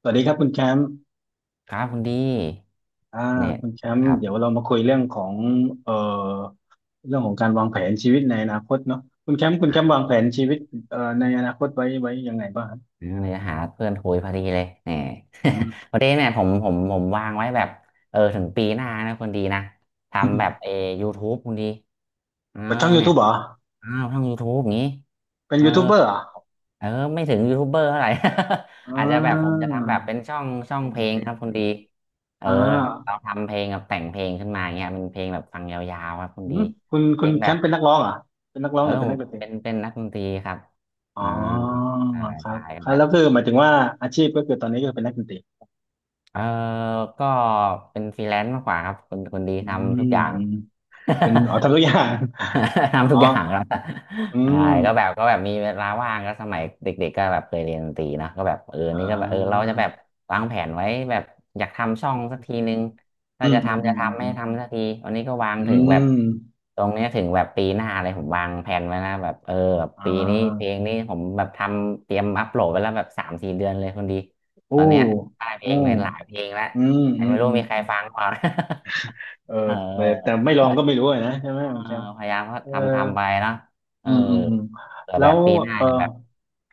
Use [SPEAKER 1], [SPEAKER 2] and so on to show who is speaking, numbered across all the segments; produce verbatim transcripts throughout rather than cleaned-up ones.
[SPEAKER 1] สวัสดีครับคุณแชมป์
[SPEAKER 2] ครับคุณดี
[SPEAKER 1] อ่า
[SPEAKER 2] เนี่ย
[SPEAKER 1] คุณแชม
[SPEAKER 2] ค
[SPEAKER 1] ป์
[SPEAKER 2] รับ
[SPEAKER 1] เดี๋ยวเรามาคุยเรื่องของเอ่อเรื่องของการวางแผนชีวิตในอนาคตเนาะคุณแชมป์คุณแชมป์
[SPEAKER 2] อ่า
[SPEAKER 1] วางแผนชีวิตเอ่อในอนาคตไว้ไว้ยังไงบ้างครับ
[SPEAKER 2] เลยหาเพื่อนคุยพอดีเลยเนี่ย
[SPEAKER 1] อืม
[SPEAKER 2] พอดีเนี่ยผมผมผมวางไว้แบบเออถึงปีหน้านะคุณดีนะทำแบบเอ อ YouTube คุณดีเออ
[SPEAKER 1] เปิดช่อง
[SPEAKER 2] เนี่ย
[SPEAKER 1] YouTube เหรอ
[SPEAKER 2] อ้าวช่อง YouTube อย่างนี้
[SPEAKER 1] เป็น
[SPEAKER 2] เออ
[SPEAKER 1] ยูทูบเบอร์เหรอ
[SPEAKER 2] เออไม่ถึงยูทูบเบอร์เท่าไหร่
[SPEAKER 1] อ่
[SPEAKER 2] อาจจะแบบผมจะ
[SPEAKER 1] า
[SPEAKER 2] ทำแบบเป็นช่องช่อง
[SPEAKER 1] เก่ง
[SPEAKER 2] เพลง
[SPEAKER 1] เก่
[SPEAKER 2] ค
[SPEAKER 1] ง
[SPEAKER 2] รับคุณ
[SPEAKER 1] เก่ง
[SPEAKER 2] ดีเออ
[SPEAKER 1] อ่า
[SPEAKER 2] เราทำเพลงกับแต่งเพลงขึ้นมาอย่างเงี้ยเป็นเพลงแบบฟังยาวๆครับคุณ
[SPEAKER 1] อื
[SPEAKER 2] ดี
[SPEAKER 1] มคุณ
[SPEAKER 2] เพ
[SPEAKER 1] คุ
[SPEAKER 2] ล
[SPEAKER 1] ณ
[SPEAKER 2] ง
[SPEAKER 1] แช
[SPEAKER 2] แบ
[SPEAKER 1] ม
[SPEAKER 2] บ
[SPEAKER 1] ป์เป็นนักร้องเหรอเป็นนักร้อง
[SPEAKER 2] เอ
[SPEAKER 1] ห
[SPEAKER 2] อ
[SPEAKER 1] รือเป็น
[SPEAKER 2] ผ
[SPEAKER 1] นัก
[SPEAKER 2] ม
[SPEAKER 1] ดนตรี
[SPEAKER 2] เป็นเป็นนักดนตรีครับ
[SPEAKER 1] อ๋
[SPEAKER 2] อ่า
[SPEAKER 1] อ
[SPEAKER 2] ใช่
[SPEAKER 1] ครับ
[SPEAKER 2] ใช่
[SPEAKER 1] ครั
[SPEAKER 2] แบ
[SPEAKER 1] บแล้
[SPEAKER 2] บ
[SPEAKER 1] วคือหมายถึงว่าอาชีพก็คือตอนนี้ก็เป็นนักดนตรี
[SPEAKER 2] เออก็เป็นฟรีแลนซ์มากกว่าครับคนคนดี
[SPEAKER 1] อื
[SPEAKER 2] ทำทุก
[SPEAKER 1] ม
[SPEAKER 2] อย่าง
[SPEAKER 1] อืมเป็นอ๋อ ทำทุกอย่าง
[SPEAKER 2] ทำทุ
[SPEAKER 1] อ๋อ
[SPEAKER 2] กอย่างครับ
[SPEAKER 1] อื
[SPEAKER 2] ใช่
[SPEAKER 1] ม
[SPEAKER 2] ก็แบบก็แบบมีเวลาว่างก็สมัยเด็กๆก็แบบเคยเรียนดนตรีนะก็แบบเออ
[SPEAKER 1] อ่
[SPEAKER 2] นี่ก็แบบเออเรา
[SPEAKER 1] า
[SPEAKER 2] จะแบบวางแผนไว้แบบอยากทำช่องสักทีนึง
[SPEAKER 1] อื
[SPEAKER 2] ถ้า
[SPEAKER 1] ม
[SPEAKER 2] จะ
[SPEAKER 1] อืม
[SPEAKER 2] ทำ
[SPEAKER 1] อื
[SPEAKER 2] จะ
[SPEAKER 1] ม
[SPEAKER 2] ทำไม่
[SPEAKER 1] อืม
[SPEAKER 2] ทำสักทีวันนี้ก็วาง
[SPEAKER 1] อื
[SPEAKER 2] ถึงแบบ
[SPEAKER 1] ม
[SPEAKER 2] ตรงเนี้ยถึงแบบปีหน้าเลยผมวางแผนไว้นะแบบเออแบบ
[SPEAKER 1] อ่
[SPEAKER 2] ปีนี้เพล
[SPEAKER 1] า
[SPEAKER 2] งนี้ผมแบบทำเตรียมอัปโหลดไว้แล้วแบบสามสี่เดือนเลยคนดี
[SPEAKER 1] โอ้
[SPEAKER 2] ตอนเนี้ยได้เพล
[SPEAKER 1] โอ้
[SPEAKER 2] งในหลายเพลงแล้ว
[SPEAKER 1] อืม
[SPEAKER 2] แต่
[SPEAKER 1] อืม
[SPEAKER 2] ไม่รู้
[SPEAKER 1] อืม
[SPEAKER 2] มีใค
[SPEAKER 1] อื
[SPEAKER 2] ร
[SPEAKER 1] ม
[SPEAKER 2] ฟังเปล่านะ
[SPEAKER 1] เออ
[SPEAKER 2] เ
[SPEAKER 1] แต่แต่ไม่ลองก็
[SPEAKER 2] ออ
[SPEAKER 1] ไม่รู้อะนะใช่ไหม
[SPEAKER 2] เออ
[SPEAKER 1] คุณแชมป์
[SPEAKER 2] พยายามก็
[SPEAKER 1] เออ
[SPEAKER 2] ทำทำไปเนาะเอ
[SPEAKER 1] อื
[SPEAKER 2] อ
[SPEAKER 1] มอืมอืม
[SPEAKER 2] เผื่อ
[SPEAKER 1] แล้
[SPEAKER 2] แบ
[SPEAKER 1] ว
[SPEAKER 2] บปีหน้า
[SPEAKER 1] เออ
[SPEAKER 2] แบบ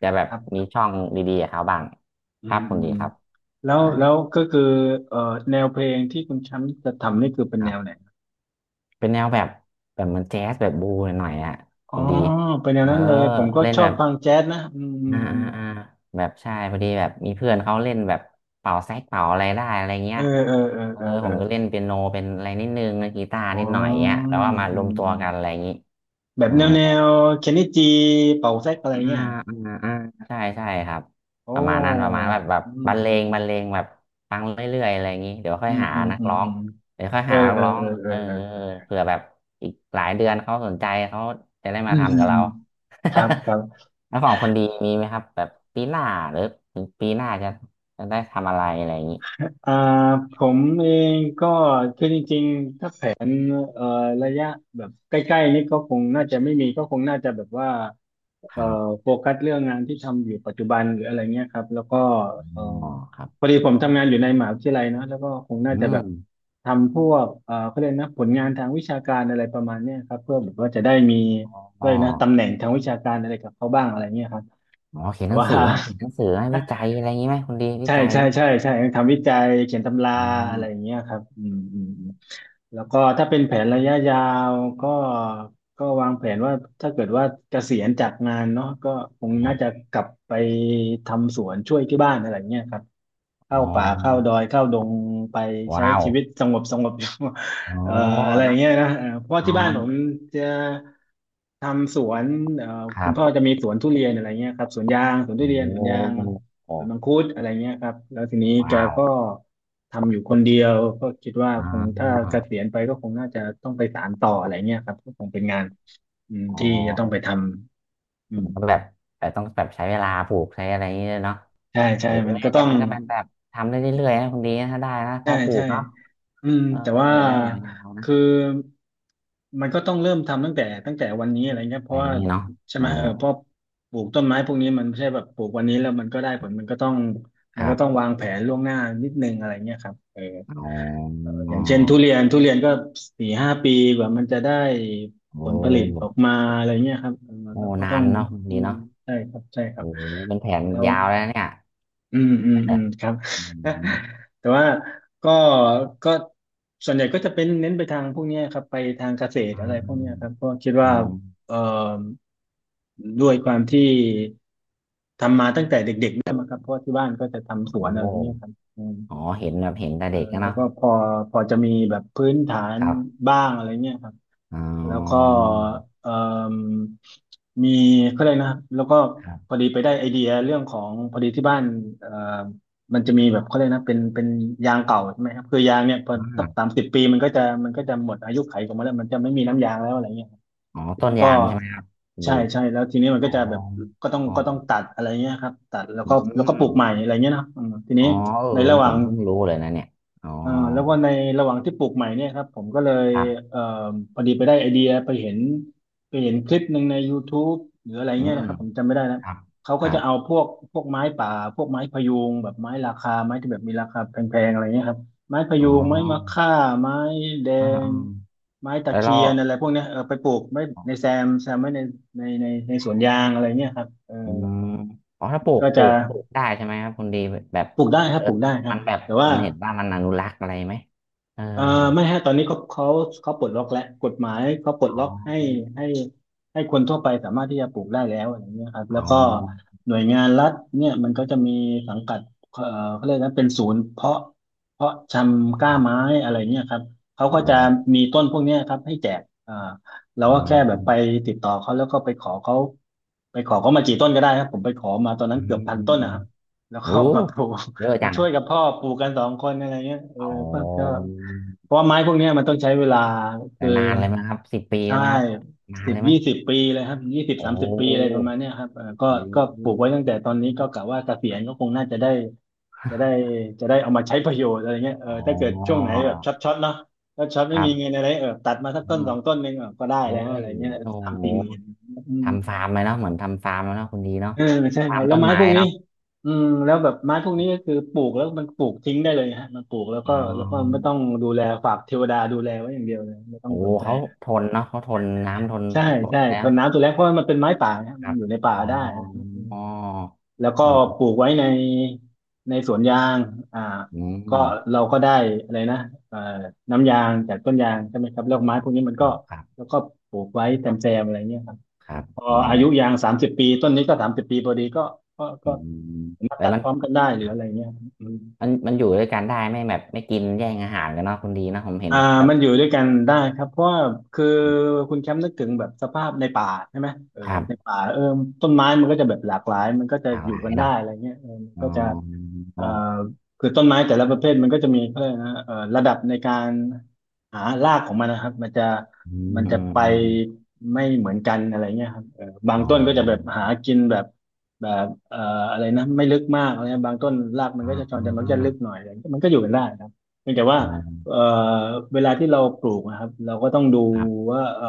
[SPEAKER 2] จะแบบ
[SPEAKER 1] คร
[SPEAKER 2] มี
[SPEAKER 1] ับ
[SPEAKER 2] ช่องดีๆกับเขาบ้าง
[SPEAKER 1] อื
[SPEAKER 2] ครั
[SPEAKER 1] ม
[SPEAKER 2] บคุ
[SPEAKER 1] อื
[SPEAKER 2] ณ
[SPEAKER 1] ม
[SPEAKER 2] ดี
[SPEAKER 1] อืม
[SPEAKER 2] ครับ
[SPEAKER 1] แล้ว
[SPEAKER 2] อ่
[SPEAKER 1] แล้วก็คือเออแนวเพลงที่คุณแชมป์จะทำนี่คือเป็น
[SPEAKER 2] ค
[SPEAKER 1] แน
[SPEAKER 2] รั
[SPEAKER 1] วไห
[SPEAKER 2] บ
[SPEAKER 1] น
[SPEAKER 2] เป็นแนวแบบแบบเหมันแจ๊สแบบบูหน่อยๆอ่ะ
[SPEAKER 1] อ๋อ
[SPEAKER 2] คุณดี
[SPEAKER 1] เป็นแน
[SPEAKER 2] เอ
[SPEAKER 1] ว
[SPEAKER 2] อ
[SPEAKER 1] นั้นเลยผมก็
[SPEAKER 2] เล่น
[SPEAKER 1] ชอ
[SPEAKER 2] แบ
[SPEAKER 1] บ
[SPEAKER 2] บ
[SPEAKER 1] ฟังแจ๊สนะอืมอื
[SPEAKER 2] อ่า
[SPEAKER 1] มอืม
[SPEAKER 2] อ่าอ่าแบบใช่พอดีแบบมีเพื่อนเขาเล่นแบบเป่าแซกเป่าอะไรได้อะไรเงี้
[SPEAKER 1] เอ
[SPEAKER 2] ย
[SPEAKER 1] อเออเออ
[SPEAKER 2] เออ
[SPEAKER 1] เออเอ
[SPEAKER 2] ผ
[SPEAKER 1] อ
[SPEAKER 2] มก็เล่นเปียโนเป็นอะไรนิดนึงเล่นกีตาร์
[SPEAKER 1] อ๋อ
[SPEAKER 2] นิดหน่อยเงี้ยแล้วว่ามาร
[SPEAKER 1] อื
[SPEAKER 2] ว
[SPEAKER 1] ม
[SPEAKER 2] มตัว
[SPEAKER 1] อืม
[SPEAKER 2] กันอะไรอย่างงี้
[SPEAKER 1] แบบ
[SPEAKER 2] เออ
[SPEAKER 1] แนวแนวเคนนิจิเป่าแซกอะไร
[SPEAKER 2] อ่า
[SPEAKER 1] เงี้ย
[SPEAKER 2] อ่าอ่าใช่ใช่ครับ
[SPEAKER 1] โอ้
[SPEAKER 2] ประมาณนั้นประมาณแบบแบบ
[SPEAKER 1] อืม
[SPEAKER 2] บรร
[SPEAKER 1] อื
[SPEAKER 2] เลงบรรเล
[SPEAKER 1] ม
[SPEAKER 2] งแบบฟังเรื่อยๆอะไรอย่างนี้เดี๋ยวค่อ
[SPEAKER 1] อื
[SPEAKER 2] ย
[SPEAKER 1] ม
[SPEAKER 2] หา
[SPEAKER 1] อืม
[SPEAKER 2] นัก
[SPEAKER 1] อืม
[SPEAKER 2] ร้อ
[SPEAKER 1] อื
[SPEAKER 2] ง
[SPEAKER 1] ม
[SPEAKER 2] เดี๋ยวค่อย
[SPEAKER 1] เออ
[SPEAKER 2] หานัก
[SPEAKER 1] เออ
[SPEAKER 2] ร้อ
[SPEAKER 1] เอ
[SPEAKER 2] ง
[SPEAKER 1] อเอ
[SPEAKER 2] เอ
[SPEAKER 1] อ
[SPEAKER 2] อ
[SPEAKER 1] เออ
[SPEAKER 2] เผื่อแบบอีกหลายเดือนเขาสนใจเขาจะได้
[SPEAKER 1] อื
[SPEAKER 2] มา
[SPEAKER 1] มอื
[SPEAKER 2] ทำกับ
[SPEAKER 1] ม
[SPEAKER 2] เรา
[SPEAKER 1] ครับครั บ
[SPEAKER 2] แล้วของคนดีมีไหมครับแบบปีหน้าหรือถึงปีหน้าจะจะได้ทำอะไรอะไรอย่างนี้
[SPEAKER 1] อ่าผมเองก็คือจริงๆถ้าแผนเอ่อระยะแบบใกล้ๆนี่ก็คงน่าจะไม่มีก็คงน่าจะแบบว่า
[SPEAKER 2] ค
[SPEAKER 1] เอ่อ
[SPEAKER 2] รับ
[SPEAKER 1] โฟกัสเรื่องงานที่ทำอยู่ปัจจุบันหรืออะไรเงี้ยครับแล้วก็เอ่อ
[SPEAKER 2] อ๋อครับ
[SPEAKER 1] พอดีผมทำงานอยู่ในมหาวิทยาลัยเนอะแล้วก็คงน่า
[SPEAKER 2] อื
[SPEAKER 1] จะแบบ
[SPEAKER 2] ม
[SPEAKER 1] ทำพวกเอ่อเขาเรียกนะผลงานทางวิชาการอะไรประมาณเนี้ยครับเพื่อแบบว่าจะได้มี
[SPEAKER 2] อ
[SPEAKER 1] เล
[SPEAKER 2] ๋อ
[SPEAKER 1] ยกนะตำแหน่งทางวิชาการอะไรกับเขาบ้างอะไรเงี้ยครับ
[SPEAKER 2] อ๋อเขียน
[SPEAKER 1] แต่
[SPEAKER 2] หนัง
[SPEAKER 1] ว่า
[SPEAKER 2] สือไหมเขียนหนังสือไหมวิจั ยอะไรอย่างนี้ไหมคนดีวิ
[SPEAKER 1] ใช่
[SPEAKER 2] จัย
[SPEAKER 1] ใช่ใช่ใช่ทำวิจัยเขียนตำรา
[SPEAKER 2] อ๋อ
[SPEAKER 1] อะไรอย่างเงี้ยครับอืมอืมอืมแล้วก็ถ้าเป็นแผนระยะยาวก็ก็วางแผนว่าถ้าเกิดว่าเกษียณจากงานเนาะก็คง
[SPEAKER 2] ครั
[SPEAKER 1] น่าจะ
[SPEAKER 2] บ
[SPEAKER 1] กลับไปทำสวนช่วยที่บ้านอะไรอย่างเงี้ยครับ
[SPEAKER 2] อ๋
[SPEAKER 1] เข้า
[SPEAKER 2] อ
[SPEAKER 1] ป่าเข้าดอยเข้าดงไปใช้
[SPEAKER 2] ว้าว
[SPEAKER 1] ชีวิตสงบสงบอยู่
[SPEAKER 2] อ๋อ
[SPEAKER 1] เอ่ออะไรอย่าง
[SPEAKER 2] เนาะ
[SPEAKER 1] เงี้ยนะเอ่อเพราะว่า
[SPEAKER 2] อ๋อ
[SPEAKER 1] ที่บ้านผมจะทำสวนเอ่อ
[SPEAKER 2] ค
[SPEAKER 1] คุ
[SPEAKER 2] รั
[SPEAKER 1] ณพ่อ
[SPEAKER 2] บ
[SPEAKER 1] จะมีสวนทุเรียนอะไรเงี้ยครับสวนยางสวนทุ
[SPEAKER 2] โอ้
[SPEAKER 1] เรียนสวนยาง
[SPEAKER 2] โ
[SPEAKER 1] สวนมัง
[SPEAKER 2] ห
[SPEAKER 1] คุดอะไรเงี้ยครับ แล้วทีนี้แก
[SPEAKER 2] ว้าว
[SPEAKER 1] ก็ทำอยู่คนเดียว ก็คิดว่า
[SPEAKER 2] อ๋
[SPEAKER 1] คงถ้า
[SPEAKER 2] อ
[SPEAKER 1] เกษียณไปก็คงน่าจะต้องไปสานต่ออะไรเงี้ยครับก็คงเป็นงานอืม
[SPEAKER 2] อ๋อ
[SPEAKER 1] ที่จะต้อ
[SPEAKER 2] เอ
[SPEAKER 1] ง
[SPEAKER 2] อ
[SPEAKER 1] ไปทำอืม
[SPEAKER 2] มันก็แบบแต่ต้องแบบใช้เวลาปลูกใช้อะไรอย่างเงี้ยเนาะ
[SPEAKER 1] ใช่ใช่
[SPEAKER 2] เออ
[SPEAKER 1] มันก็ต้
[SPEAKER 2] แต่
[SPEAKER 1] อง
[SPEAKER 2] มันก็เป็นแบบทำได้เรื่อยๆนะคุณดีนะถ้าได้นะพ
[SPEAKER 1] ใช่
[SPEAKER 2] อปลู
[SPEAKER 1] ใช่
[SPEAKER 2] กเนาะ
[SPEAKER 1] อืม
[SPEAKER 2] เออ
[SPEAKER 1] แต่ว่า
[SPEAKER 2] ได้ยาวๆนะ
[SPEAKER 1] คือมันก็ต้องเริ่มทำตั้งแต่ตั้งแต่วันนี้อะไรเงี้ยเพ
[SPEAKER 2] แต่อ
[SPEAKER 1] ราะ
[SPEAKER 2] ย่าง
[SPEAKER 1] ว่า
[SPEAKER 2] นี้เนาะ
[SPEAKER 1] ใช่
[SPEAKER 2] อื
[SPEAKER 1] ไหมเอ
[SPEAKER 2] ม
[SPEAKER 1] อเพราะปลูกต้นไม้พวกนี้มันไม่ใช่แบบปลูกวันนี้แล้วมันก็ได้ผลมันก็ต้อง
[SPEAKER 2] ค
[SPEAKER 1] มัน
[SPEAKER 2] รั
[SPEAKER 1] ก็ต้อง
[SPEAKER 2] บ
[SPEAKER 1] วางแผนล่วงหน้านิดนึงอะไรเงี้ยครับเออ
[SPEAKER 2] อ๋อ
[SPEAKER 1] เอออย่างเช่นทุเรียนทุเรียนก็สี่ห้าปีกว่ามันจะได้ผ
[SPEAKER 2] โอ้
[SPEAKER 1] ลผลิตออกมาอะไรเงี้ยครับเออ
[SPEAKER 2] โอ้
[SPEAKER 1] เราก็
[SPEAKER 2] นา
[SPEAKER 1] ต้อง
[SPEAKER 2] นเนาะคุณ
[SPEAKER 1] ดู
[SPEAKER 2] ดีเนาะ
[SPEAKER 1] ใช่ครับใช่ครั
[SPEAKER 2] โอ้
[SPEAKER 1] บ
[SPEAKER 2] หเป็นแผน
[SPEAKER 1] แล้ว
[SPEAKER 2] ยาวแล้วเนี่ย
[SPEAKER 1] อืมอืมอืมครับ
[SPEAKER 2] อืม
[SPEAKER 1] แต่ว่าก็ก็ส่วนใหญ่ก็จะเป็นเน้นไปทางพวกเนี้ยครับไปทางเกษตร
[SPEAKER 2] อื
[SPEAKER 1] อะไร
[SPEAKER 2] ม
[SPEAKER 1] พ
[SPEAKER 2] อื
[SPEAKER 1] วก
[SPEAKER 2] ม
[SPEAKER 1] เนี้ยครับเพราะคิด
[SPEAKER 2] อื
[SPEAKER 1] ว่า
[SPEAKER 2] ม
[SPEAKER 1] เอ่อด้วยความที่ทำมาตั้งแต่เด็กๆด้วยมั้งครับเพราะว่าที่บ้านก็จะทำส
[SPEAKER 2] โอ้
[SPEAKER 1] วนอะไรเงี้ยครับ
[SPEAKER 2] อ๋อเห็นแบบเห็นแต่
[SPEAKER 1] เออ
[SPEAKER 2] เด็กนะ
[SPEAKER 1] แล้ว
[SPEAKER 2] เนาะ
[SPEAKER 1] ก็พอพอจะมีแบบพื้นฐาน
[SPEAKER 2] ครับ
[SPEAKER 1] บ้างอะไรเงี้ยครับ
[SPEAKER 2] อ๋อ
[SPEAKER 1] แล้วก็เอ่มมีก็เลยกนะครับแล้วก็
[SPEAKER 2] ครั
[SPEAKER 1] พอ
[SPEAKER 2] บ
[SPEAKER 1] ดีไปได้ไอเดียเรื่องของพอดีที่บ้านเอ่อมันจะมีแบบเขาเลยกนะเป็นเป็นยางเก่าใช่ไหมครับคือยางเนี่ยพอ
[SPEAKER 2] อ่
[SPEAKER 1] สักสาม
[SPEAKER 2] า
[SPEAKER 1] สิบปีมันก็จะมันก็จะหมดอายุไขของมันแล้วมันจะไม่มีน้ำยางแล้วอะไรเงี้ยครับ
[SPEAKER 2] อ๋อ
[SPEAKER 1] ที
[SPEAKER 2] ต้น
[SPEAKER 1] นี้ก็
[SPEAKER 2] ยางใช่ไหมครับคุณ
[SPEAKER 1] ใช่
[SPEAKER 2] ดี
[SPEAKER 1] ใช่แล้วทีนี้มัน
[SPEAKER 2] อ๋
[SPEAKER 1] ก็
[SPEAKER 2] อ
[SPEAKER 1] จะแบบก็ต้อง
[SPEAKER 2] อ๋อ
[SPEAKER 1] ก็ต้องตัดอะไรเงี้ยครับตัดแล้ว
[SPEAKER 2] อื
[SPEAKER 1] ก็แล้วก็ป
[SPEAKER 2] ม
[SPEAKER 1] ลูกใหม่อะไรเงี้ยเนาะอืมที
[SPEAKER 2] อ๋
[SPEAKER 1] นี้
[SPEAKER 2] อเออ
[SPEAKER 1] ในระ
[SPEAKER 2] นี่
[SPEAKER 1] ห
[SPEAKER 2] ผ
[SPEAKER 1] ว่าง
[SPEAKER 2] มเพิ่งรู้เลยนะเนี่ยอ๋อ
[SPEAKER 1] อ่าแล้วก็ในระหว่างที่ปลูกใหม่เนี่ยครับผมก็เลย
[SPEAKER 2] ครับ
[SPEAKER 1] เอ่อพอดีไปได้ไอเดียไปเห็นไปเห็นคลิปหนึ่งใน YouTube หรืออะไร
[SPEAKER 2] อื
[SPEAKER 1] เงี้ย
[SPEAKER 2] ม
[SPEAKER 1] นะครับผมจำไม่ได้นะ
[SPEAKER 2] ครับ
[SPEAKER 1] เขา
[SPEAKER 2] ค
[SPEAKER 1] ก็
[SPEAKER 2] รั
[SPEAKER 1] จะเอา
[SPEAKER 2] บ
[SPEAKER 1] พวกพวกไม้ป่าพวกไม้พะยูงแบบไม้ราคาไม้ที่แบบมีราคาแพงๆอะไรเงี้ยครับไม้พะ
[SPEAKER 2] อ๋
[SPEAKER 1] ยู
[SPEAKER 2] อ
[SPEAKER 1] งไม้มะค่าไม้แด
[SPEAKER 2] อ่า
[SPEAKER 1] ง
[SPEAKER 2] อ่า
[SPEAKER 1] ไม้ตะ
[SPEAKER 2] แล้ว
[SPEAKER 1] เคี
[SPEAKER 2] เรา
[SPEAKER 1] ยนอะไรพวกเนี้ยเออไปปลูกไว้ในแซมแซมไว้ในในในในสวนยางอะไรเงี้ยครับเออ
[SPEAKER 2] อืมอ๋อถ้าปลูก
[SPEAKER 1] ก็
[SPEAKER 2] ปลู
[SPEAKER 1] จะ
[SPEAKER 2] กปลูกได้ใช่ไหมครับคุณดีแบบ
[SPEAKER 1] ปลูกได้ครั
[SPEAKER 2] เอ
[SPEAKER 1] บ
[SPEAKER 2] อ
[SPEAKER 1] ปลูกได้ครั
[SPEAKER 2] มั
[SPEAKER 1] บ
[SPEAKER 2] นแบบ
[SPEAKER 1] แต่ว่า
[SPEAKER 2] มันเห็นว่ามันอนุรักษ์อะไรไหมเออ
[SPEAKER 1] เอ่อไม่ฮะตอนนี้เขาเขาเขาปลดล็อกแล้วกฎหมายเขาปลด
[SPEAKER 2] อ๋อ
[SPEAKER 1] ล็อกให้ให้ให้คนทั่วไปสามารถที่จะปลูกได้แล้วอะไรเงี้ยครับ
[SPEAKER 2] อ๋
[SPEAKER 1] แล้
[SPEAKER 2] อ
[SPEAKER 1] วก็หน่วยงานรัฐเนี่ยมันก็จะมีสังกัดเอ่อเขาเรียกนะเป็นศูนย์เพาะเพาะชำกล้า
[SPEAKER 2] ครั
[SPEAKER 1] ไม้
[SPEAKER 2] บ
[SPEAKER 1] อะไรเงี้ยครับเขา
[SPEAKER 2] อ๋
[SPEAKER 1] ก็
[SPEAKER 2] อ
[SPEAKER 1] จะมีต้นพวกเนี้ยครับให้แจกเอ่อเรา
[SPEAKER 2] อ๋
[SPEAKER 1] ก็แค่แบบไป
[SPEAKER 2] อ
[SPEAKER 1] ติดต่อเขาแล้วก็ไปขอเขาไปขอเขามากี่ต้นก็ได้ครับผมไปขอมาตอน
[SPEAKER 2] อื
[SPEAKER 1] นั้นเกือบ
[SPEAKER 2] ม
[SPEAKER 1] พัน
[SPEAKER 2] อืม
[SPEAKER 1] ต้น
[SPEAKER 2] อื
[SPEAKER 1] นะค
[SPEAKER 2] ม
[SPEAKER 1] รับแล้ว
[SPEAKER 2] โอ้
[SPEAKER 1] ก็มาปลูก
[SPEAKER 2] เยอะ
[SPEAKER 1] มา
[SPEAKER 2] จัง
[SPEAKER 1] ช่วยกับพ่อปลูกกันสองคนอะไรเงี้ยเออ
[SPEAKER 2] อ๋อ
[SPEAKER 1] ก็ก็ เพราะว่าไม้พวกเนี้ยมันต้องใช้เวลา
[SPEAKER 2] แต่
[SPEAKER 1] คือ
[SPEAKER 2] นานเลยไหมครับสิบปีเล
[SPEAKER 1] ใช่
[SPEAKER 2] ยไหมครับนาน
[SPEAKER 1] สิบ
[SPEAKER 2] เลยไหม
[SPEAKER 1] ยี่สิบปีเลยครับยี่สิบ
[SPEAKER 2] โอ
[SPEAKER 1] สามสิบปีอะไรป
[SPEAKER 2] ้
[SPEAKER 1] ระมาณเนี้ยครับเออก็
[SPEAKER 2] อ
[SPEAKER 1] ก็ปลูก
[SPEAKER 2] ื
[SPEAKER 1] ไว้ตั้งแต่ตอนนี้ก็กะว่าเกษียณก็คงน่าจะได้จะได้จะได้เอามาใช้ประโยชน์อะไรเงี้ยเออ
[SPEAKER 2] อ๋อ
[SPEAKER 1] ถ้าเกิดช่วงไหนแบบช็อตช็อตเนาะถ้ช็อต
[SPEAKER 2] ค
[SPEAKER 1] ไม่
[SPEAKER 2] รั
[SPEAKER 1] มีเงิน
[SPEAKER 2] บ
[SPEAKER 1] อะไรเออตัดมาสั
[SPEAKER 2] อื
[SPEAKER 1] กต้น
[SPEAKER 2] ม
[SPEAKER 1] สองต้นหนึ่งเออก็ได้
[SPEAKER 2] เอ้
[SPEAKER 1] แล้วอะไร
[SPEAKER 2] ย
[SPEAKER 1] เงี้ย
[SPEAKER 2] โอ้
[SPEAKER 1] สาม
[SPEAKER 2] โห
[SPEAKER 1] สี่หมื่นอืม
[SPEAKER 2] ทำฟาร์มเลยเนาะเหมือนทำฟาร์มแล้วเนาะคุณดีเนาะ
[SPEAKER 1] เออใช่
[SPEAKER 2] ฟา
[SPEAKER 1] ค
[SPEAKER 2] ร์
[SPEAKER 1] รั
[SPEAKER 2] ม
[SPEAKER 1] บแล้ว
[SPEAKER 2] ต้น
[SPEAKER 1] ไม้
[SPEAKER 2] ไม้
[SPEAKER 1] พวกนี้
[SPEAKER 2] เนาะ
[SPEAKER 1] อืมแล้วแบบไม้พวกนี้ก็คือปลูกแล้วมันปลูกทิ้งได้เลยฮะมันปลูกแล้ว
[SPEAKER 2] อ๋
[SPEAKER 1] ก็
[SPEAKER 2] อ
[SPEAKER 1] แล้วก็ไม่ต้องดูแลฝากเทวดาดูแลไว้อย่างเดียวเลยไม่ต้อง
[SPEAKER 2] โอ้โห
[SPEAKER 1] สนใจ
[SPEAKER 2] เขาทนเนาะเขาทนน้ำทน
[SPEAKER 1] ใช่
[SPEAKER 2] ทน
[SPEAKER 1] ใช่
[SPEAKER 2] นะ
[SPEAKER 1] ทนน้ำตัวแรกเพราะว่ามันเป็นไม้ป่านะฮะ
[SPEAKER 2] ค
[SPEAKER 1] มัน
[SPEAKER 2] รับ
[SPEAKER 1] อยู่ในป่า
[SPEAKER 2] อ๋อ
[SPEAKER 1] ได้อะไรอย่างเงี้ยอืม
[SPEAKER 2] อ๋อ
[SPEAKER 1] แล้วก็ปลูกไว้ในในสวนยางอ่า
[SPEAKER 2] อื
[SPEAKER 1] ก็
[SPEAKER 2] ม
[SPEAKER 1] เราก็ได้อะไรนะเอ่อน้ำยางจากต้นยางใช่ไหมครับแล้วไม้พวกนี้มันก็
[SPEAKER 2] ครับ
[SPEAKER 1] แล้วก็ปลูกไว้แซมๆอะไรเงี้ยครับ
[SPEAKER 2] ครับ
[SPEAKER 1] พอ
[SPEAKER 2] อ๋อ
[SPEAKER 1] อายุยางสามสิบปีต้นนี้ก็สามสิบปีพอดีก็ก็
[SPEAKER 2] อื
[SPEAKER 1] ก็
[SPEAKER 2] ม
[SPEAKER 1] มา
[SPEAKER 2] แต่
[SPEAKER 1] ตัด
[SPEAKER 2] มัน
[SPEAKER 1] พร้อมกันได้หรืออะไรเงี้ยอืม
[SPEAKER 2] มันมันอยู่ด้วยกันได้ไม่แบบไม่กินแย่งอาหารกันเนาะคุณดีเนะผมเห็น
[SPEAKER 1] อ่า
[SPEAKER 2] แบบ
[SPEAKER 1] มันอยู่ด้วยกันได้ครับเพราะว่าคือคุณแชมป์นึกถึงแบบสภาพในป่าใช่ไหมเออ
[SPEAKER 2] ครับ
[SPEAKER 1] ในป่าเออต้นไม้มันก็จะแบบหลากหลายมันก็จะ
[SPEAKER 2] หลาก
[SPEAKER 1] อ
[SPEAKER 2] ห
[SPEAKER 1] ยู่
[SPEAKER 2] ลาย
[SPEAKER 1] กันได้
[SPEAKER 2] เนาะ
[SPEAKER 1] อะไรเงี้ยเออมัน
[SPEAKER 2] อ๋อ
[SPEAKER 1] ก็จะเอ่อคือต้นไม้แต่ละประเภทมันก็จะมีเขาเรียกนะเอ่อระดับในการหารากของมันนะครับมันจะ
[SPEAKER 2] อืม
[SPEAKER 1] มัน
[SPEAKER 2] อื
[SPEAKER 1] จะ
[SPEAKER 2] ม
[SPEAKER 1] ไป
[SPEAKER 2] อืม
[SPEAKER 1] ไม่เหมือนกันอะไรเงี้ยครับเออบาง
[SPEAKER 2] อ๋
[SPEAKER 1] ต้นก็จะแบบ
[SPEAKER 2] อ
[SPEAKER 1] หากินแบบแบบเอ่ออะไรนะไม่ลึกมากอะไรเงี้ยบางต้นรากมัน
[SPEAKER 2] อ๋
[SPEAKER 1] ก็จะชอนจะมันก็
[SPEAKER 2] อ
[SPEAKER 1] จะลึกหน่อยอะไรเงี้ยมันก็อยู่กันได้นะครับเพียงแต่ว่า
[SPEAKER 2] อ๋อ
[SPEAKER 1] เอ่อเวลาที่เราปลูกนะครับเราก็ต้องดู
[SPEAKER 2] ครับ
[SPEAKER 1] ว่าเอ่อ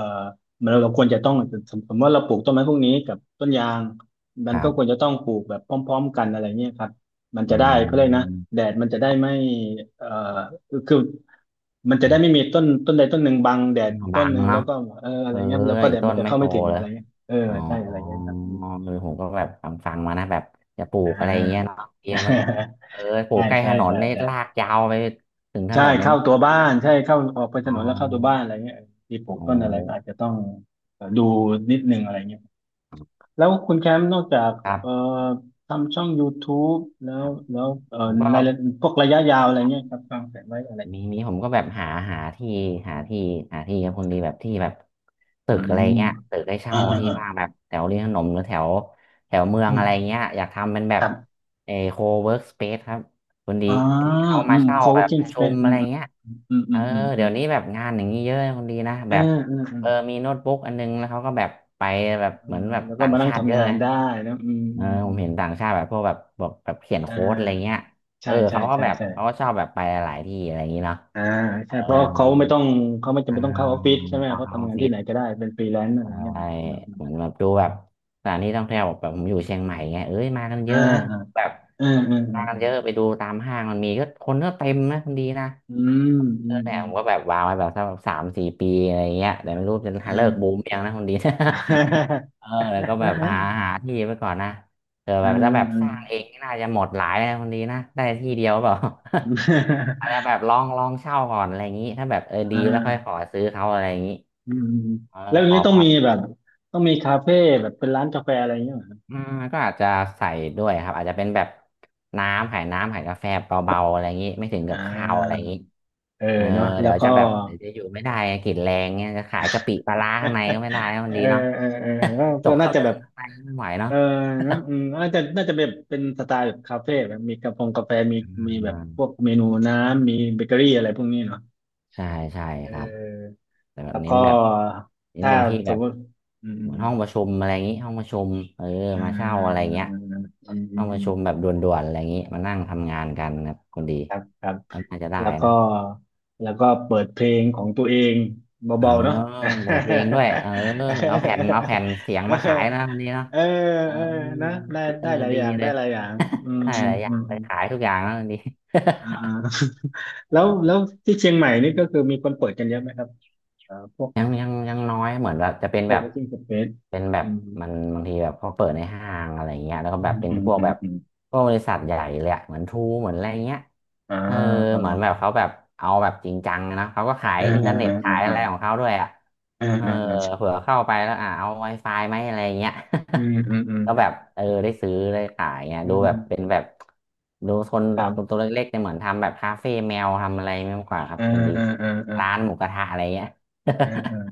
[SPEAKER 1] มันเราควรจะต้องสมสมมติว่าเราปลูกต้นไม้พวกนี้กับต้นยางมั
[SPEAKER 2] ค
[SPEAKER 1] น
[SPEAKER 2] รั
[SPEAKER 1] ก็ควร
[SPEAKER 2] บ
[SPEAKER 1] จะต้องปลูกแบบพร้อมๆกันอะไรเงี้ยครับมัน
[SPEAKER 2] อื
[SPEAKER 1] จะได้เขาเลยกนะ
[SPEAKER 2] ม
[SPEAKER 1] แดดมันจะได้ไม่เอ่อคือมันจะ
[SPEAKER 2] อื
[SPEAKER 1] ได้
[SPEAKER 2] ม
[SPEAKER 1] ไม่มีต้นต้นใดต้นหนึ่งบังแดดอีกต้
[SPEAKER 2] บั
[SPEAKER 1] น
[SPEAKER 2] ง
[SPEAKER 1] หนึ่งแล้
[SPEAKER 2] เนาะ
[SPEAKER 1] วก็เอออะไร
[SPEAKER 2] เอ้
[SPEAKER 1] เงี้ยแล้วก็
[SPEAKER 2] ย
[SPEAKER 1] แดด
[SPEAKER 2] ต้
[SPEAKER 1] มัน
[SPEAKER 2] น
[SPEAKER 1] จะ
[SPEAKER 2] ไม่
[SPEAKER 1] เข้า
[SPEAKER 2] โต
[SPEAKER 1] ไม่ถึง
[SPEAKER 2] เล
[SPEAKER 1] อะ
[SPEAKER 2] ย
[SPEAKER 1] ไรเงี้ยเออ
[SPEAKER 2] อ๋อ
[SPEAKER 1] ใช่อะไรเงี้ยครับอืม
[SPEAKER 2] เออผมก็แบบฟังฟังมานะแบบจะปลู
[SPEAKER 1] อ่
[SPEAKER 2] กอะไรอย่างเงี้ย
[SPEAKER 1] า
[SPEAKER 2] เนาะเตรียมมัน เออปลู
[SPEAKER 1] ใช่
[SPEAKER 2] กใกล้ถ
[SPEAKER 1] ใช่
[SPEAKER 2] นน
[SPEAKER 1] ใช่
[SPEAKER 2] เนี่ยลาก
[SPEAKER 1] ใช่
[SPEAKER 2] ยาวไปถึงถ
[SPEAKER 1] ใช่
[SPEAKER 2] นนเลย
[SPEAKER 1] เข้า
[SPEAKER 2] นะ
[SPEAKER 1] ตัวบ้านใช่เข้าออกไป
[SPEAKER 2] อ๋
[SPEAKER 1] ถ
[SPEAKER 2] อ
[SPEAKER 1] นนแล้วเข้าตัวบ้านอะไรเงี้ยมีปลูก
[SPEAKER 2] โอ้
[SPEAKER 1] ต้นอะไรก็อาจจะต้องเอ่อดูนิดนึงอะไรเงี้ยแล้วคุณแคมป์นอกจาก
[SPEAKER 2] ครั
[SPEAKER 1] เอ่อ
[SPEAKER 2] บ
[SPEAKER 1] ทำช่อง YouTube แล้
[SPEAKER 2] ค
[SPEAKER 1] ว
[SPEAKER 2] รับ
[SPEAKER 1] แล้วเอ่อ
[SPEAKER 2] ผมก็
[SPEAKER 1] ในพวกระยะยาวอะไรเงี้ยครับวางแผนไว้อะไร
[SPEAKER 2] มีมีผมก็แบบหาหาที่หาที่หาที่ครับคนดีแบบที่แบบ
[SPEAKER 1] อื
[SPEAKER 2] ตึกอะไร
[SPEAKER 1] ม
[SPEAKER 2] เงี้ยตึกให้
[SPEAKER 1] อ่า
[SPEAKER 2] เช่า
[SPEAKER 1] อ่า
[SPEAKER 2] ที่
[SPEAKER 1] อ่า
[SPEAKER 2] ว่างแบบแถวริมถนนหรือแถวแถวเมือ
[SPEAKER 1] อื
[SPEAKER 2] ง
[SPEAKER 1] ม
[SPEAKER 2] อะไรเงี้ยอยากทำเป็นแบ
[SPEAKER 1] ค
[SPEAKER 2] บ
[SPEAKER 1] รับ
[SPEAKER 2] เอโคเวิร์กสเปซครับคนดี
[SPEAKER 1] อ๋อ
[SPEAKER 2] ที่เขา
[SPEAKER 1] อื
[SPEAKER 2] มา
[SPEAKER 1] ม
[SPEAKER 2] เช่าแบบป
[SPEAKER 1] co-working
[SPEAKER 2] ระชุม
[SPEAKER 1] space อื
[SPEAKER 2] อะไร
[SPEAKER 1] ม
[SPEAKER 2] เงี้ย
[SPEAKER 1] อืมอื
[SPEAKER 2] เออ
[SPEAKER 1] มอืมอื
[SPEAKER 2] เดี๋ย
[SPEAKER 1] ม
[SPEAKER 2] วนี้แบบงานอย่างนี้เยอะนะคนดีนะ
[SPEAKER 1] อื
[SPEAKER 2] แบบ
[SPEAKER 1] มอ่าอืมอื
[SPEAKER 2] เอ
[SPEAKER 1] ม
[SPEAKER 2] อมีโน้ตบุ๊กอันนึงแล้วเขาก็แบบไปแบบ
[SPEAKER 1] อ่
[SPEAKER 2] เหมือน
[SPEAKER 1] า
[SPEAKER 2] แบบ
[SPEAKER 1] แล้วก็
[SPEAKER 2] ต่าง
[SPEAKER 1] มานั่ง
[SPEAKER 2] ชาติเย
[SPEAKER 1] ทำ
[SPEAKER 2] อะ
[SPEAKER 1] งาน
[SPEAKER 2] นะ
[SPEAKER 1] ได้นะอืม
[SPEAKER 2] เอ
[SPEAKER 1] อื
[SPEAKER 2] อ
[SPEAKER 1] ม
[SPEAKER 2] ผ
[SPEAKER 1] อื
[SPEAKER 2] ม
[SPEAKER 1] ม
[SPEAKER 2] เห็นต่างชาติแบบพวกแบบแบบแบบเขียน
[SPEAKER 1] อ่
[SPEAKER 2] โค้ดอะไร
[SPEAKER 1] า
[SPEAKER 2] เงี้ย เอ
[SPEAKER 1] ใช่
[SPEAKER 2] อ
[SPEAKER 1] ใช่
[SPEAKER 2] เขาก็
[SPEAKER 1] ใช่
[SPEAKER 2] แบบ
[SPEAKER 1] ใช่
[SPEAKER 2] เขาก็ชอบแบบไปหลายที่อะไรอย่างนี้เนาะ
[SPEAKER 1] อ่า
[SPEAKER 2] เอ
[SPEAKER 1] ใช่
[SPEAKER 2] อ
[SPEAKER 1] เพราะ
[SPEAKER 2] บาง
[SPEAKER 1] เขา
[SPEAKER 2] ที
[SPEAKER 1] ไม่ต้องเขาไม่จำ
[SPEAKER 2] อ่า
[SPEAKER 1] เป็นต้องเข้าออฟฟิศใช่
[SPEAKER 2] ไม่
[SPEAKER 1] ไหม
[SPEAKER 2] ต้อง
[SPEAKER 1] เขา
[SPEAKER 2] เข้าอ
[SPEAKER 1] ทำ
[SPEAKER 2] อฟ
[SPEAKER 1] งาน
[SPEAKER 2] ฟิ
[SPEAKER 1] ที่
[SPEAKER 2] ศ
[SPEAKER 1] ไหนก็ได้เป็นฟรีแลนซ์อะไรอย่างเงี้ย
[SPEAKER 2] ไป
[SPEAKER 1] เนาะอืม
[SPEAKER 2] เหมือนแบบดูแบบสถานที่ท่องเที่ยวแบบผมอยู่เชียงใหม่ไงเอ้ยมากันเย
[SPEAKER 1] อ่า
[SPEAKER 2] อะนะ
[SPEAKER 1] อ่า
[SPEAKER 2] แบบ
[SPEAKER 1] อ
[SPEAKER 2] มากั
[SPEAKER 1] ่า
[SPEAKER 2] นเยอะไปดูตามห้างมันมีก็คนก็เต็มนะคนดีนะ
[SPEAKER 1] อืมอื
[SPEAKER 2] เออ
[SPEAKER 1] ม
[SPEAKER 2] แต่
[SPEAKER 1] อื
[SPEAKER 2] ผ
[SPEAKER 1] ม
[SPEAKER 2] มก็แบบวางไว้แบบสักแบบสามสี่ปีอะไรอย่างเงี้ยแต่ไม่รู้จะเลิ
[SPEAKER 1] อ่า
[SPEAKER 2] กบูมยังนะคนดี เออ
[SPEAKER 1] อ่า
[SPEAKER 2] แล้วก็
[SPEAKER 1] อ่
[SPEAKER 2] แบบหา
[SPEAKER 1] า
[SPEAKER 2] หาที่ไปก่อนนะเออ
[SPEAKER 1] อ
[SPEAKER 2] แบบถ้าแบบสร้า
[SPEAKER 1] ่
[SPEAKER 2] งเองนี่น่าจะหมดหลายนะคนดีนะได้ที่เดียวเปล่า อาจจะแบบลองลองเช่าก่อนอะไรอย่างนี้ถ้าแบบเออดีแล้วค่อยข
[SPEAKER 1] า
[SPEAKER 2] อซื้อเขาอะไรอย่างนี้
[SPEAKER 1] อืม
[SPEAKER 2] เออ
[SPEAKER 1] แล้วอย่า
[SPEAKER 2] ข
[SPEAKER 1] ง
[SPEAKER 2] อ
[SPEAKER 1] นี้
[SPEAKER 2] ผ
[SPEAKER 1] ต้อง
[SPEAKER 2] อด
[SPEAKER 1] มีแบบต้องมีคาเฟ่แบบเป็นร้านกาแฟอะไรอย่างเงี้ยเหรอครับ
[SPEAKER 2] อืมก็อาจจะใส่ด้วยครับอาจจะเป็นแบบน้ำขายน้ำขายกาแฟเบาๆอะไรอย่างนี้ไม่ถึง
[SPEAKER 1] อ่
[SPEAKER 2] กับข้าวอะไรอ
[SPEAKER 1] า
[SPEAKER 2] ย่างนี้
[SPEAKER 1] เออ
[SPEAKER 2] เออ
[SPEAKER 1] เนาะแล้
[SPEAKER 2] เดี๋
[SPEAKER 1] ว
[SPEAKER 2] ยว
[SPEAKER 1] ก็
[SPEAKER 2] จะแบบเดี๋ยวจะอยู่ไม่ได้ไงกลิ่นแรงเนี่ยจะขายกะปิปลาร้าข้างในก็ ไม่ได้นะ
[SPEAKER 1] เอ
[SPEAKER 2] มัน
[SPEAKER 1] อ
[SPEAKER 2] ดีเนาะ
[SPEAKER 1] เออเออ
[SPEAKER 2] จ
[SPEAKER 1] ก็
[SPEAKER 2] ก
[SPEAKER 1] น่า
[SPEAKER 2] ข้าว
[SPEAKER 1] จะ
[SPEAKER 2] นึ่
[SPEAKER 1] แบ
[SPEAKER 2] ง
[SPEAKER 1] บ
[SPEAKER 2] ข้างในไม่ไหวเนาะ
[SPEAKER 1] เออนะอืมน่าจะน่าจะแบบเป็นสไตล์แบบคาเฟ่แบบมีกระพงกาแฟมีมีแบบพวก เมนูน้ำมีเบเกอรี่อะไรพวกนี้เนาะ
[SPEAKER 2] ใช่ใช่
[SPEAKER 1] เ
[SPEAKER 2] ครับ
[SPEAKER 1] ออ
[SPEAKER 2] แต่แบ
[SPEAKER 1] แล้
[SPEAKER 2] บ
[SPEAKER 1] ว
[SPEAKER 2] เน้
[SPEAKER 1] ก็
[SPEAKER 2] นแบบเน้น
[SPEAKER 1] ถ้า
[SPEAKER 2] เป็นที่
[SPEAKER 1] ส
[SPEAKER 2] แบ
[SPEAKER 1] ม
[SPEAKER 2] บ
[SPEAKER 1] มติอืม
[SPEAKER 2] เหมือน
[SPEAKER 1] อืม
[SPEAKER 2] ห้องประชุมอะไรอย่างนี้ห้องประชุมเออ
[SPEAKER 1] อื
[SPEAKER 2] มา
[SPEAKER 1] ม
[SPEAKER 2] เช่าอะไร
[SPEAKER 1] อืม
[SPEAKER 2] เงี้ย
[SPEAKER 1] อืมอื
[SPEAKER 2] ห้
[SPEAKER 1] ม
[SPEAKER 2] องป
[SPEAKER 1] อื
[SPEAKER 2] ระ
[SPEAKER 1] ม
[SPEAKER 2] ชุมแบบด่วนๆอะไรอย่างนี้มานั่งทำงานกันครับคนดี
[SPEAKER 1] ครับครับ
[SPEAKER 2] ก็น่าจะได้
[SPEAKER 1] แล้วก็
[SPEAKER 2] นะ
[SPEAKER 1] แล้วก็เปิดเพลงของตัวเอง
[SPEAKER 2] เออ
[SPEAKER 1] เบาๆเนาะ
[SPEAKER 2] เปิดเพลงด้วยเออเอาแผ่นเอาแผ่นเสียงมาขายนะวันนี้เนาะ
[SPEAKER 1] เออ
[SPEAKER 2] เออ
[SPEAKER 1] เออเออนะได้
[SPEAKER 2] เออ
[SPEAKER 1] ได้หลาย
[SPEAKER 2] ดี
[SPEAKER 1] อย่าง
[SPEAKER 2] เล
[SPEAKER 1] ได้
[SPEAKER 2] ย
[SPEAKER 1] หลายอย่างอื ม
[SPEAKER 2] ได้
[SPEAKER 1] อื
[SPEAKER 2] ห
[SPEAKER 1] ม
[SPEAKER 2] ลายอ
[SPEAKER 1] อื
[SPEAKER 2] ย่าง
[SPEAKER 1] ม
[SPEAKER 2] เลยขายทุกอย่างแล้ววันนี้
[SPEAKER 1] อ่า แล้วแล้ว ที่เชียงใหม่นี่ก็คือมีคนเปิดกันเยอะไหมครับเอ่อพวก
[SPEAKER 2] ยังยังยังน้อยเหมือนแบบจะเป็นแบบ
[SPEAKER 1] co-working space
[SPEAKER 2] เป็นแบบ
[SPEAKER 1] อืม
[SPEAKER 2] มันบางทีแบบเขาเปิดในห้างอะไรเงี้ยแล้วก็
[SPEAKER 1] อื
[SPEAKER 2] แบบ
[SPEAKER 1] ม
[SPEAKER 2] เป็น
[SPEAKER 1] อืม
[SPEAKER 2] พวก
[SPEAKER 1] อื
[SPEAKER 2] แบ
[SPEAKER 1] ม
[SPEAKER 2] บ
[SPEAKER 1] อืม
[SPEAKER 2] พวกบริษัทใหญ่เลยอะเหมือนทรูเหมือนอะไรเงี้ย
[SPEAKER 1] อ่า
[SPEAKER 2] เออ
[SPEAKER 1] เอ
[SPEAKER 2] เหมือนแบ
[SPEAKER 1] อ
[SPEAKER 2] บเขาแบบเอาแบบจริงจังนะเขาก็ขาย
[SPEAKER 1] เออ
[SPEAKER 2] อิน
[SPEAKER 1] เอ
[SPEAKER 2] เทอ
[SPEAKER 1] อ
[SPEAKER 2] ร์เน็
[SPEAKER 1] เอ
[SPEAKER 2] ตขา
[SPEAKER 1] อ
[SPEAKER 2] ย
[SPEAKER 1] เอ
[SPEAKER 2] อะ
[SPEAKER 1] อ
[SPEAKER 2] ไรของเขาด้วยอะ
[SPEAKER 1] เออ
[SPEAKER 2] เออ
[SPEAKER 1] เออเออ
[SPEAKER 2] เผื่อเข้าไปแล้วอ่ะเอา Wi-Fi ไหมอะไรเงี้ย
[SPEAKER 1] อืมอืมอืม
[SPEAKER 2] ก็แบบเออได้ซื้อได้ขายเงี้ย
[SPEAKER 1] อื
[SPEAKER 2] ดู
[SPEAKER 1] ม
[SPEAKER 2] แบบเป็นแบบดูคน
[SPEAKER 1] ครั
[SPEAKER 2] ตัว
[SPEAKER 1] บ
[SPEAKER 2] เล็กๆเนี่ยเหมือนทำแบบคาเฟ่แมวทำอะไรไม่มากกว่าครั
[SPEAKER 1] เอ
[SPEAKER 2] บ
[SPEAKER 1] อ
[SPEAKER 2] คุณดี
[SPEAKER 1] เออเออเออ
[SPEAKER 2] ร้านหมูกระทะอะไรเงี้ย
[SPEAKER 1] เออเออ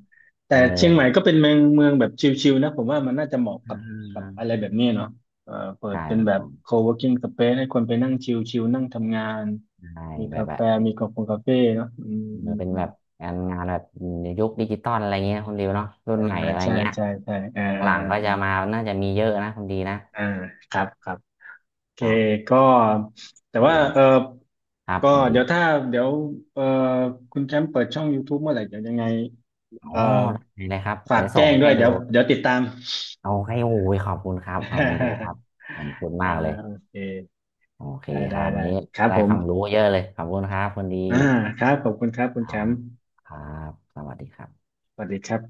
[SPEAKER 1] แต่
[SPEAKER 2] เอ
[SPEAKER 1] เชียงใหม่
[SPEAKER 2] อ
[SPEAKER 1] ก็เป็นเมืองเมืองแบบชิลๆนะผมว่ามันน่าจะเหมาะ
[SPEAKER 2] อ่
[SPEAKER 1] กับกับ
[SPEAKER 2] า
[SPEAKER 1] อะไรแบบนี้เนาะเอ่อเปิด
[SPEAKER 2] ใช่
[SPEAKER 1] เป็นแบบ co-working space ให้คนไปนั่งชิลๆนั่งทำงาน
[SPEAKER 2] ใช่
[SPEAKER 1] มี
[SPEAKER 2] แบ
[SPEAKER 1] กา
[SPEAKER 2] บแบ
[SPEAKER 1] แฟ
[SPEAKER 2] บ
[SPEAKER 1] มีกาแฟเนาะอืม
[SPEAKER 2] มันเป็น
[SPEAKER 1] อื
[SPEAKER 2] แบ
[SPEAKER 1] ม
[SPEAKER 2] บงานงานแบบยุคดิจิตอลอะไรเงี้ยคุณดิวเนาะรุ่น
[SPEAKER 1] อ่า
[SPEAKER 2] ใหม่อะไร
[SPEAKER 1] ใช่
[SPEAKER 2] เงี้ย
[SPEAKER 1] ใช่ใช่อ่า
[SPEAKER 2] ห
[SPEAKER 1] อ่า
[SPEAKER 2] ลังๆก็จะ
[SPEAKER 1] อ่า
[SPEAKER 2] มาน่าจะมีเยอะนะคุณดีนะ
[SPEAKER 1] อ่าครับครับโอเค
[SPEAKER 2] เนาะ
[SPEAKER 1] ก็แต่
[SPEAKER 2] เอ
[SPEAKER 1] ว่าเออ
[SPEAKER 2] อครับ
[SPEAKER 1] ก็
[SPEAKER 2] คุณดี
[SPEAKER 1] เดี๋ยวถ้าเดี๋ยวเออคุณแชมป์เปิดช่อง YouTube เมื่อไหร่เดี๋ยวยังไง
[SPEAKER 2] อ๋อ
[SPEAKER 1] เออ
[SPEAKER 2] ได้เลยครับ
[SPEAKER 1] ฝา
[SPEAKER 2] เดี๋
[SPEAKER 1] ก
[SPEAKER 2] ยวส่
[SPEAKER 1] แจ้
[SPEAKER 2] ง
[SPEAKER 1] งด้
[SPEAKER 2] ให้
[SPEAKER 1] วย
[SPEAKER 2] ดู
[SPEAKER 1] เดี๋ยวเดี๋ยวติดตาม
[SPEAKER 2] เอาให้โอ้ยขอบคุณครับขอบคุณดีครับ ขอบคุณ
[SPEAKER 1] อ่า
[SPEAKER 2] มากเลย
[SPEAKER 1] โอเค
[SPEAKER 2] โอเค
[SPEAKER 1] ได้
[SPEAKER 2] ค
[SPEAKER 1] ได้
[SPEAKER 2] รับวัน
[SPEAKER 1] ได้
[SPEAKER 2] นี้
[SPEAKER 1] ครับ
[SPEAKER 2] ได้
[SPEAKER 1] ผ
[SPEAKER 2] ค
[SPEAKER 1] ม
[SPEAKER 2] วามรู้เยอะเลยขอบคุณครับคุณดี
[SPEAKER 1] อ่าครับขอบคุณครับคุ
[SPEAKER 2] ค
[SPEAKER 1] ณแช
[SPEAKER 2] รั
[SPEAKER 1] ม
[SPEAKER 2] บ
[SPEAKER 1] ป์
[SPEAKER 2] ครับสวัสดีครับ
[SPEAKER 1] สวัสดีครับ